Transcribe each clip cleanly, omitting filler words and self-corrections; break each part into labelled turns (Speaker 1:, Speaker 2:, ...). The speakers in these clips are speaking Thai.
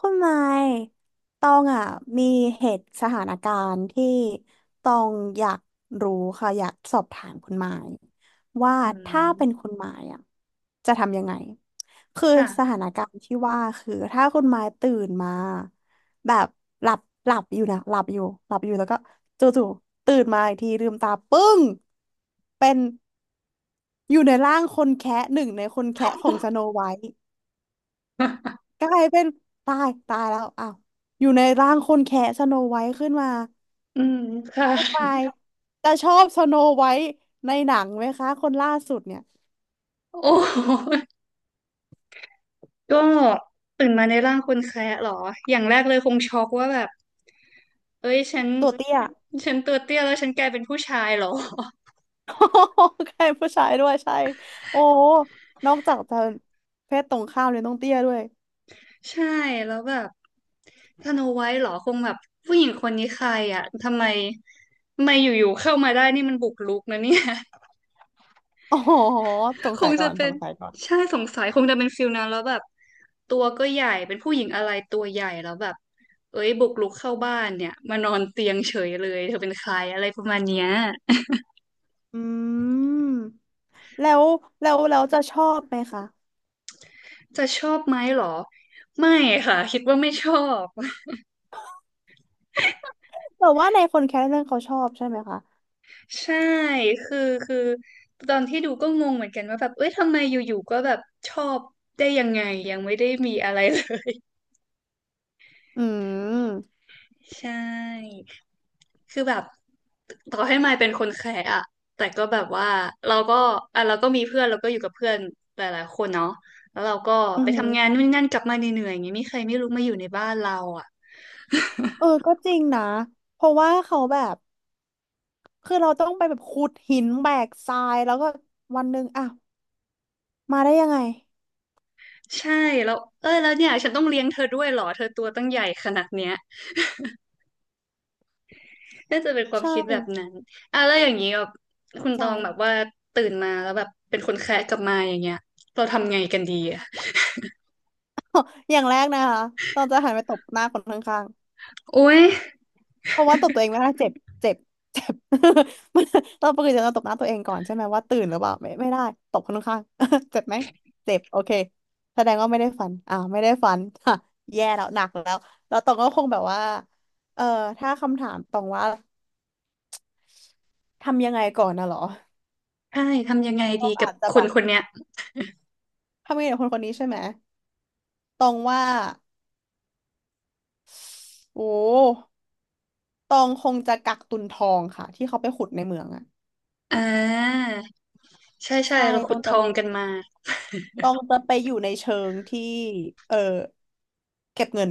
Speaker 1: คุณไม้ตองอ่ะมีเหตุสถานการณ์ที่ตองอยากรู้ค่ะอยากสอบถามคุณไม้ว่า
Speaker 2: อื
Speaker 1: ถ้าเป็นคุ
Speaker 2: ม
Speaker 1: ณไม้อ่ะจะทำยังไงคือส
Speaker 2: ค่ะ
Speaker 1: ถานการณ์ที่ว่าคือถ้าคุณไม้ตื่นมาแบบหลับหลับอยู่นะหลับอยู่หลับอยู่แล้วก็จู่ๆตื่นมาอีกทีลืมตาปึ้งเป็นอยู่ในร่างคนแคะหนึ่งในคนแคะของสโนไวท์ กลายเป็นตายแล้วอ้าวอยู่ในร่างคนแคะสโนไวท์ขึ้นมา
Speaker 2: อืมค่ะ
Speaker 1: คุณไมค์จะชอบสโนไวท์ในหนังไหมคะคนล่าสุดเนี่ย
Speaker 2: โอ้โหก็ตื่นมาในร่างคนแคะเหรออย่างแรกเลยคงช็อกว่าแบบเอ้ยฉัน
Speaker 1: ตัวเตี้ย
Speaker 2: ฉันตัวเตี้ยแล้วฉันกลายเป็นผู้ชายเหรอ
Speaker 1: โอ้โหใครผู้ชายด้วยใช่โอ้โหนอกจากจะเพศตรงข้ามเลยต้องเตี้ยด้วย
Speaker 2: ใช่แล้วแบบสโนไวท์เหรอคงแบบผู้หญิงคนนี้ใครอ่ะทำไมอยู่ๆเข้ามาได้นี่มันบุกรุกนะเนี่ย
Speaker 1: โอ๋อสง
Speaker 2: ค
Speaker 1: สั
Speaker 2: ง
Speaker 1: ยก่
Speaker 2: จะ
Speaker 1: อน
Speaker 2: เป็
Speaker 1: ส
Speaker 2: น
Speaker 1: งสัยก่อน
Speaker 2: ใช่สงสัยคงจะเป็นฟิลนั้นแล้วแบบตัวก็ใหญ่เป็นผู้หญิงอะไรตัวใหญ่แล้วแบบเอ้ยบุกรุกเข้าบ้านเนี่ยมานอนเตียงเฉยเลยเธอเป็นใครอะไรประมาณเนี้ย
Speaker 1: อืมแล้วเราจะชอบไหมคะ
Speaker 2: จะชอบไหมเหรอไม่ค่ะคิดว่าไม่ชอบ
Speaker 1: แต่ว่าในคนแคะเรื่องเขาชอบใช่ไหมคะ
Speaker 2: ใช่คือคือตอนที่ดูก็งงเหมือนกันว่าแบบเอ้ยทำไมอยู่ๆก็แบบชอบได้ยังไงยังไม่ได้มีอะไรเลย
Speaker 1: อืม
Speaker 2: ใช่ คือแบบต่อให้มายเป็นคนแคร์อะแต่ก็แบบว่าเราก็อ่ะเราก็มีเพื่อนเราก็อยู่กับเพื่อนหลายๆคนเนาะแล้วเราก็
Speaker 1: อื
Speaker 2: ไปทำงาน
Speaker 1: ม
Speaker 2: นู่นนนั่นกลับมาเหนื่อยๆอย่างเงี้ยมีใครไม่รู้มาอยู่ในบ้านเราอะ
Speaker 1: เออก็จริงนะเพราะว่าเขาแบบ คือเราต้องไปแบบขุดหินแบกทรายแล้วก็วันหนึ่งอ่ะมาได้ยังไง
Speaker 2: ใช่แล้วเออแล้วเนี่ยฉันต้องเลี้ยงเธอด้วยเหรอเธอตัวตั้งใหญ่ขนาดเนี้ยน่าจะเป็นความ
Speaker 1: ใช่
Speaker 2: คิดแบบนั้นอ่ะแล้วอย่างนี้แบบ
Speaker 1: เข้า
Speaker 2: คุณ
Speaker 1: ใจ
Speaker 2: ตองแบบว่าตื่นมาแล้วแบบเป็นคนแคะกลับมาอย่างเงี้ยเราทำไงกันดีอะ
Speaker 1: อย่างแรกนะคะต้องจะหันไปตบหน้าคนข้าง
Speaker 2: โอ๊ย
Speaker 1: ๆเพราะว่าตบตัวเองไม่ได้เจ็บเจ็บเจ็บ มันเราปกติจะตบหน้าตัวเองก่อนใช่ไหมว่าตื่นหรือเปล่าไม่ได้ตบคนข้างๆ เจ็บไหมเจ็บโอเคแสดงว่าไม่ได้ฝันไม่ได้ฝัน ค่ะแย่แล้วหนักแล้วแล้วตองก็คงแบบว่าเออถ้าคำถามตองว่าทำยังไงก่อนนะเหรอ
Speaker 2: ใช่ทำยังไง
Speaker 1: ต
Speaker 2: ดี
Speaker 1: อง
Speaker 2: กับ
Speaker 1: อาจจะ
Speaker 2: ค
Speaker 1: แบ
Speaker 2: น
Speaker 1: บ
Speaker 2: คนเนี้ย
Speaker 1: ทำยังไงกับคนคนนี้ใช่ไหม ตองว่าโอ้ตองคงจะกักตุนทองค่ะที่เขาไปขุดในเมืองอ่ะ
Speaker 2: อ่า ใช่ใช่
Speaker 1: ใช่
Speaker 2: เรา
Speaker 1: ต
Speaker 2: ขุ
Speaker 1: อ
Speaker 2: ด
Speaker 1: ง
Speaker 2: ท
Speaker 1: จะ
Speaker 2: อ
Speaker 1: ไม่
Speaker 2: งกันมา
Speaker 1: ตองจะไปอยู่ในเชิงที่เออเก็บเงิน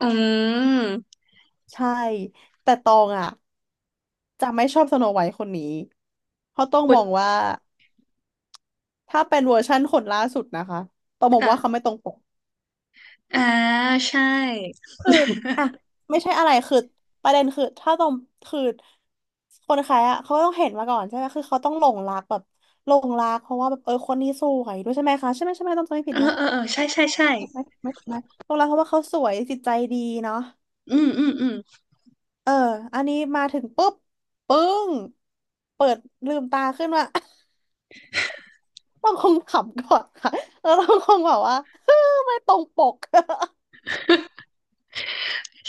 Speaker 2: อืม
Speaker 1: ใช่แต่ตองอ่ะจะไม่ชอบสโนไวท์คนนี้เพราะต้อง
Speaker 2: ขุ
Speaker 1: ม
Speaker 2: ด
Speaker 1: องว่าถ้าเป็นเวอร์ชั่นคนล่าสุดนะคะต้องมองว่าเขา
Speaker 2: ค่ะ
Speaker 1: ไม่ตรงปก
Speaker 2: อ่าใช่
Speaker 1: คืออ่ะไม่ใช่อะไรคือประเด็นคือถ้าต้องคือคนขายอ่ะเขาก็ต้องเห็นมาก่อนใช่ไหมคือเขาต้องหลงรักแบบหลงรักเพราะว่าแบบเออคนนี้สวยด้วยใช่ไหมคะใช่ไหมต้องจำไม่
Speaker 2: เอ
Speaker 1: ผิด
Speaker 2: อ
Speaker 1: นะ
Speaker 2: เออเออใช่ใช่ใช่
Speaker 1: ถูกไหม่หลงรักเพราะว่าเขาสวยจิตใจดีเนาะ
Speaker 2: อืมอืมอืม
Speaker 1: เอออันนี้มาถึงปุ๊บปึ้งเปิดลืมตาขึ้นมา ต้องคงขำก่อนค่ะแล้วเราคงแบบว่า ไม่ตรงปก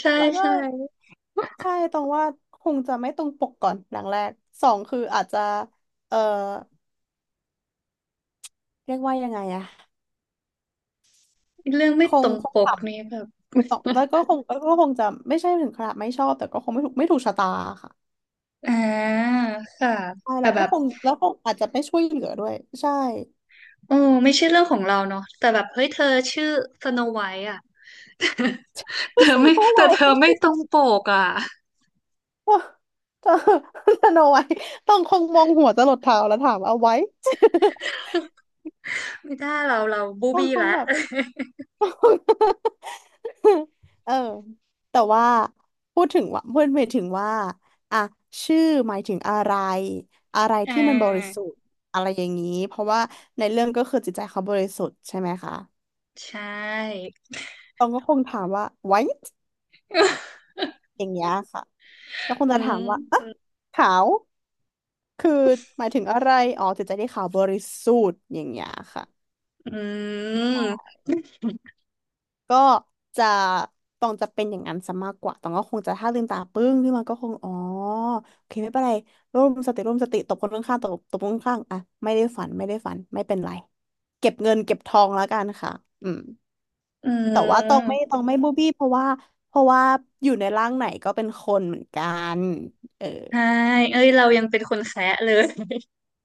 Speaker 2: ใช่
Speaker 1: แล้วก็
Speaker 2: ใช่
Speaker 1: ใช่ตรงว่าคงจะไม่ตรงปกก่อนหลังแรกสองคืออาจจะเออเรียกว่ายังไงอะ
Speaker 2: เรื่องไม่
Speaker 1: ค
Speaker 2: ต
Speaker 1: ง
Speaker 2: รง
Speaker 1: ค
Speaker 2: ป
Speaker 1: งข
Speaker 2: กนี่แบบ
Speaker 1: ำตกแล้วก็ คงจะไม่ใช่ถึงขนาดไม่ชอบแต่ก็คงไม่ถูกชะตาค่ะ
Speaker 2: อ่าค่ะ
Speaker 1: ใช่
Speaker 2: แต่
Speaker 1: แล้ว
Speaker 2: แบ
Speaker 1: ก็
Speaker 2: บ
Speaker 1: คงอาจจะไม่ช่วยเหลือด้วยใช่
Speaker 2: โอ้ไม่ใช่เรื่องของเราเนาะแต่แบบเฮ้ยเธอชื่อสโนไวท์อ่ะ เธอ
Speaker 1: ส
Speaker 2: ไม่
Speaker 1: โนไว
Speaker 2: แต่เธอไม่
Speaker 1: ท์
Speaker 2: ตรงปกอ่ะ
Speaker 1: สโนไวท์ต้องคงมองหัวจะหลดเท้าแล้วถามเอาไว้
Speaker 2: ไม่ได้เราบู
Speaker 1: ต้อง
Speaker 2: บี้
Speaker 1: คง
Speaker 2: ละ
Speaker 1: แบบ เออแต่ว่าพูดถึงว่าพูดหมายถึงว่าอ่ะชื่อหมายถึงอะไรอะไร
Speaker 2: อ่
Speaker 1: ที่มันบริสุ
Speaker 2: า
Speaker 1: ทธิ์อะไรอย่างนี้เพราะว่าในเรื่องก็คือจิตใจเขาบริสุทธิ์ใช่ไหมคะ
Speaker 2: ใช่
Speaker 1: ตองก็คงถามว่า white อย่างเงี้ยค่ะแล้วค ง
Speaker 2: อื
Speaker 1: จะถาม
Speaker 2: ม
Speaker 1: ว่าอ่ะขาวคือหมายถึงอะไรอ๋อจิตใจที่ขาวบริสุทธิ์อย่างเงี้ยค่ะ
Speaker 2: อืม
Speaker 1: ก็จะตองจะเป็นอย่างนั้นซะมากกว่าตองก็คงจะถ้าลืมตาปึ้งขึ้นมาก็คงอ๋อโอเคไม่เป็นไรร่วมสติตบคนข้างๆตบคนข้างๆอ่ะไม่ได้ฝันไม่เป็นไรเก็บเงินเก็บทองแล้วกันค่ะอืม
Speaker 2: อื
Speaker 1: แต่ว่า
Speaker 2: ม
Speaker 1: ตองไม่บูบี้เพราะว่าเพราะว่าอยู่ในร่างไหนก็เป็นคนเหมือนกันเออ
Speaker 2: ใช่เอ้ยเรายังเป็นคนแคะเลย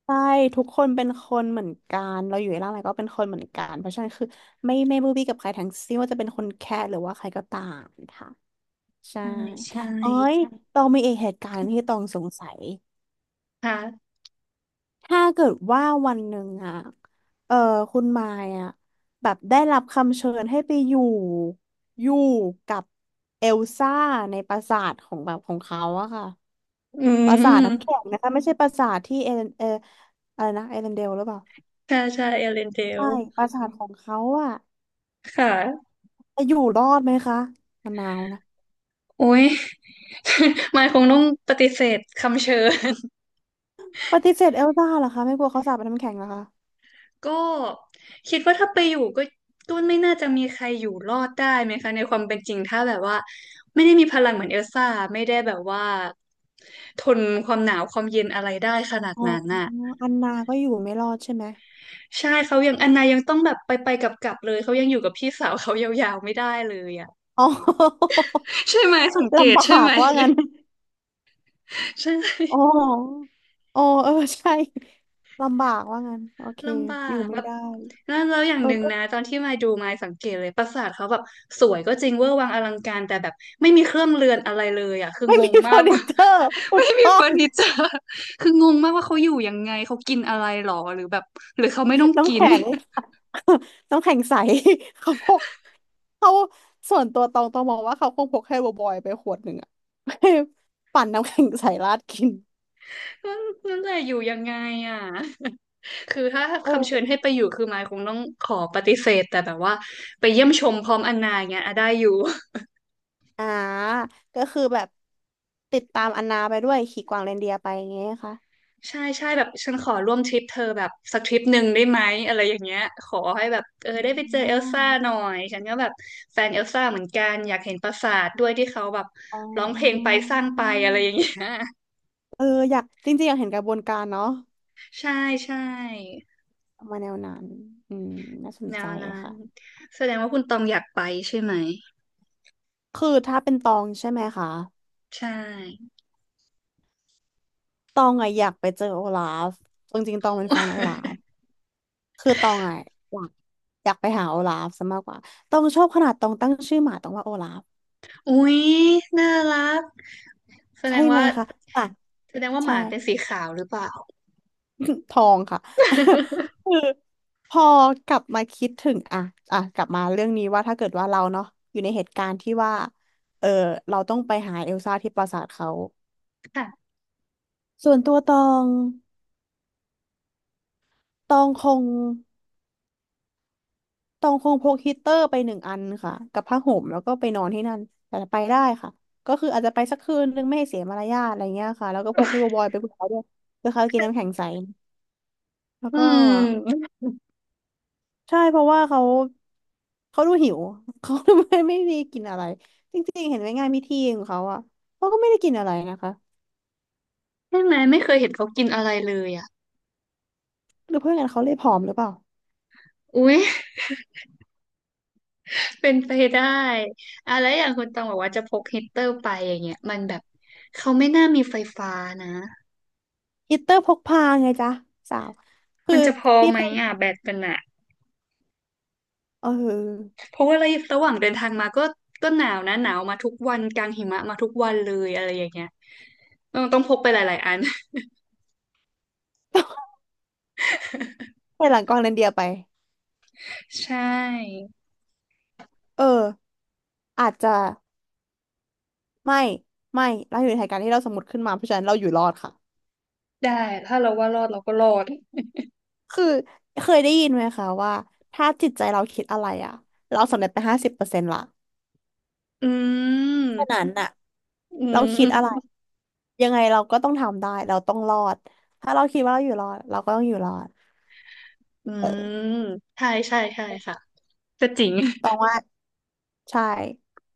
Speaker 1: ใช่ทุกคนเป็นคนเหมือนกันเราอยู่ในร่างไหนก็เป็นคนเหมือนกันเพราะฉะนั้นคือไม่บูบี้กับใครทั้งสิ้นว่าจะเป็นคนแค่หรือว่าใครก็ตามค่ะ ใช่
Speaker 2: ใช่ใช่
Speaker 1: เอ้ยตองมีอีกเหตุการณ์ที่ตองสงสัย
Speaker 2: ค่ะ
Speaker 1: ถ้าเกิดว่าวันหนึ่งอะเออคุณมายอะแบบได้รับคำเชิญให้ไปอยู่อยู่กับเอลซ่าในปราสาทของแบบของเขาอะค่ะ
Speaker 2: อื
Speaker 1: ปราสาท
Speaker 2: ม
Speaker 1: น้ำแข็งนะคะไม่ใช่ปราสาทที่เอเลนเอออะไรนะเอเลนเดลหรือเปล่า
Speaker 2: ใช่ใช่เอเลนเดล
Speaker 1: ใช่ปราสาทของเขาอะ
Speaker 2: ค่ะ
Speaker 1: จะอยู่รอดไหมคะมะนาวนะ
Speaker 2: โอ้ย มายคงต้องปฏิเสธคำเชิญ
Speaker 1: ปฏิเสธเอลซ่าเหรอคะไม่กลัวเขาสาปเป็นน้ำแข็งเหรอคะ
Speaker 2: ก็คิดว่าถ้าไปอยู่ก็ก็ไม่น่าจะมีใครอยู่รอดได้ไหมคะในความเป็นจริงถ้าแบบว่าไม่ได้มีพลังเหมือนเอลซ่าไม่ได้แบบว่าทนความหนาวความเย็นอะไรได้ขนาด
Speaker 1: อ๋อ
Speaker 2: นั้นน่ะ
Speaker 1: อันนาก็อยู่ไม่รอดใช่ไหม
Speaker 2: ใช่เขายังอันนายังต้องแบบไปไปกลับกลับๆเลยเขายังอยู่กับพี่สาวเขายาวๆไม่ได้เลยอ่ะ
Speaker 1: อ๋อ
Speaker 2: ใช่ไหมสัง เกต
Speaker 1: ลำบ
Speaker 2: ใช่
Speaker 1: าก
Speaker 2: ไหม
Speaker 1: ว่างั้น
Speaker 2: ใช่
Speaker 1: อ๋อ อ๋อเออใช่ลำบากว่างั้นโอเค
Speaker 2: ลำบา
Speaker 1: อยู่
Speaker 2: ก
Speaker 1: ไม่
Speaker 2: แล้ว
Speaker 1: ได้
Speaker 2: นั่นแล้วอย่าง
Speaker 1: เออ
Speaker 2: หนึ่ง
Speaker 1: ก็
Speaker 2: นะตอนที่มาดูมาสังเกตเลยปราสาทเขาแบบสวยก็จริงเวอร์วังอลังการแต่แบบไม่มีเครื่องเรือนอะไรเลยอ่ะคือ
Speaker 1: ไม่
Speaker 2: ง
Speaker 1: มี
Speaker 2: ง
Speaker 1: เฟ
Speaker 2: มา
Speaker 1: อ
Speaker 2: ก
Speaker 1: ร์นิ
Speaker 2: ว่า
Speaker 1: เจอร์ ถู
Speaker 2: ไม่
Speaker 1: ก
Speaker 2: มี
Speaker 1: ต้
Speaker 2: เฟ
Speaker 1: อง
Speaker 2: อร์นิเจอร์คืองงมากว่าเขาอยู่ยังไงเขากินอะไรหรอหรือแบบหรือเขาไม่ต้อง
Speaker 1: น้ำ
Speaker 2: กิน
Speaker 1: แข็ง น้ำแข็งใส เขาพกเขาส่วนตัวตองมองว่าเขาคงพกให้บอยๆไปขวดหนึ่งอะ ปั่นน้ำแข็งใสราดกิน
Speaker 2: นั่น นั่นแหละอยู่ยังไงอ่ะคือถ้า
Speaker 1: เออ
Speaker 2: คำเชิญให้ไปอยู่คือมายคงต้องขอปฏิเสธแต่แบบว่าไปเยี่ยมชมพร้อมอันนาอย่างเงี้ยอ่ะได้อยู่
Speaker 1: อ่าก็คือแบบติดตามอันนาไปด้วยขี่กวางเรนเดียร์ไปอย่างเงี้ยค่ะ
Speaker 2: ใช่ใช่แบบฉันขอร่วมทริปเธอแบบสักทริปหนึ่งได้ไหมอะไรอย่างเงี้ยขอให้แบบเออได้ไปเจอเอ
Speaker 1: อ่
Speaker 2: ลซ่าหน่อ
Speaker 1: า
Speaker 2: ยฉันก็แบบแฟนเอลซ่าเหมือนกันอยากเห็นปราสาทด้วยที่เขาแบบ
Speaker 1: อ๋
Speaker 2: ร้องเพลง
Speaker 1: อ
Speaker 2: ไปสร้างไปอะไรอย่างเงี้ย
Speaker 1: เอออยากจริงๆอยากเห็นกระบวนการเนาะ
Speaker 2: ใช่ใช่
Speaker 1: มาแนวนั้นอืมน่าสน
Speaker 2: แน
Speaker 1: ใจ
Speaker 2: วนั้น
Speaker 1: ค่ะ
Speaker 2: แสดงว่าคุณตองอยากไปใช่ไหม
Speaker 1: คือถ้าเป็นตองใช่ไหมคะ
Speaker 2: ใช่
Speaker 1: ตองอะอยากไปเจอโอลาฟจริงๆตองเป็นแฟนโอลาฟ คือตองอะอยากอยากไปหาโอลาฟซะมากกว่าตองชอบขนาดตองตั้งชื่อหมาตองว่าโอลาฟ
Speaker 2: อุ๊ยน่ารักแสด
Speaker 1: ใช่
Speaker 2: ง
Speaker 1: ไหม
Speaker 2: ว่า
Speaker 1: คะอ่ะ
Speaker 2: แสดงว่าห
Speaker 1: ใช่
Speaker 2: มาเป็นสีขาวหรือเปล่า
Speaker 1: ทองค่ะ คือพอกลับมาคิดถึงอ่ะอ่ะกลับมาเรื่องนี้ว่าถ้าเกิดว่าเราเนาะอยู่ในเหตุการณ์ที่ว่าเออเราต้องไปหาเอลซ่าที่ปราสาทเขา
Speaker 2: ค่ะ
Speaker 1: ส่วนตัวตองตองคงตองคงพกฮีตเตอร์ไปหนึ่งอันค่ะกับผ้าห่มแล้วก็ไปนอนที่นั่นแต่ไปได้ค่ะก็คืออาจจะไปสักคืนนึงไม่ให้เสียมารยาทอะไรเงี้ยค่ะแล้วก็พกที่บอยๆไปกับเขาด้วยเพื่อเขากินน้ำแข็งใสแล้ว
Speaker 2: อื
Speaker 1: ก็
Speaker 2: ม
Speaker 1: ใช่เพราะว่าเขาเขาดูหิว เขาดูไม่ได้กินอะไรจริงๆเห็นไหมงานพิธีของเขาอ่ะเขาก็ไม่ได้กินอะไรนะคะ
Speaker 2: ใช่ไหมไม่เคยเห็นเขากินอะไรเลยอ่ะ
Speaker 1: หรือเพื่อนกันเขาเลยผอมหรือเปล่า
Speaker 2: อุ๊ย เป็นไปได้อะแล้วอย่างคุณตองบอกว่าจะพกฮีตเตอร์ไปอย่างเงี้ยมันแบบเขาไม่น่ามีไฟฟ้านะ
Speaker 1: ฮิตเตอร์พกพาไงจ๊ะสาวคือ
Speaker 2: มันจะพอ
Speaker 1: ที่
Speaker 2: ไหม
Speaker 1: เป็น
Speaker 2: อ่ะแบตมันอ่ะ
Speaker 1: เออ
Speaker 2: เพราะว่าระยะระหว่างเดินทางมาก็ก็หนาวนะหนาวมาทุกวันกลางหิมะมาทุกวันเลยอะไรอย่างเงี้ยต้องพกไปหลายๆอัน
Speaker 1: ไปหลังกองเรนเดียร์ไป
Speaker 2: ใช่
Speaker 1: เอออาจจะไม่ไม่เราอยู่ในเหตุการณ์ที่เราสมมติขึ้นมาเพราะฉะนั้นเราอยู่รอดค่ะ
Speaker 2: ได้ถ้าเราว่ารอดเราก็รอด
Speaker 1: คือเคยได้ยินไหมคะว่าถ้าจิตใจเราคิดอะไรอ่ะเราสำเร็จไป50%ละ
Speaker 2: อืม
Speaker 1: ฉะนั้นน่ะ
Speaker 2: อื
Speaker 1: เราคิดอะไร
Speaker 2: ม
Speaker 1: ยังไงเราก็ต้องทำได้เราต้องรอดถ้าเราคิดว่าเราอยู่รอดเราก็ต้องอยู่รอด
Speaker 2: อื
Speaker 1: เออ
Speaker 2: มใช่ใช่ใช่ค่ะก็จริง
Speaker 1: ตองว่าใช่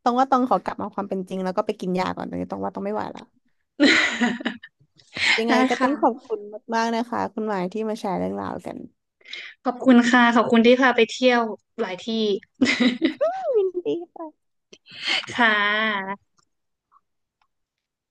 Speaker 1: ตองว่าตองขอกลับมาความเป็นจริงแล้วก็ไปกินยาก่อนตอนนี้ตองว่าตองไม่ไหวละ ยังไง
Speaker 2: ได้
Speaker 1: ก็ต้อ
Speaker 2: ค่ะ
Speaker 1: งขอบคุณมากๆนะคะคุณหมายที่มาแชร์เรื่องราวกัน
Speaker 2: ขอบคุณค่ะขอบคุณที่พาไปเที่ยวหลายที่
Speaker 1: ยินดีค่ะ
Speaker 2: ค่ะ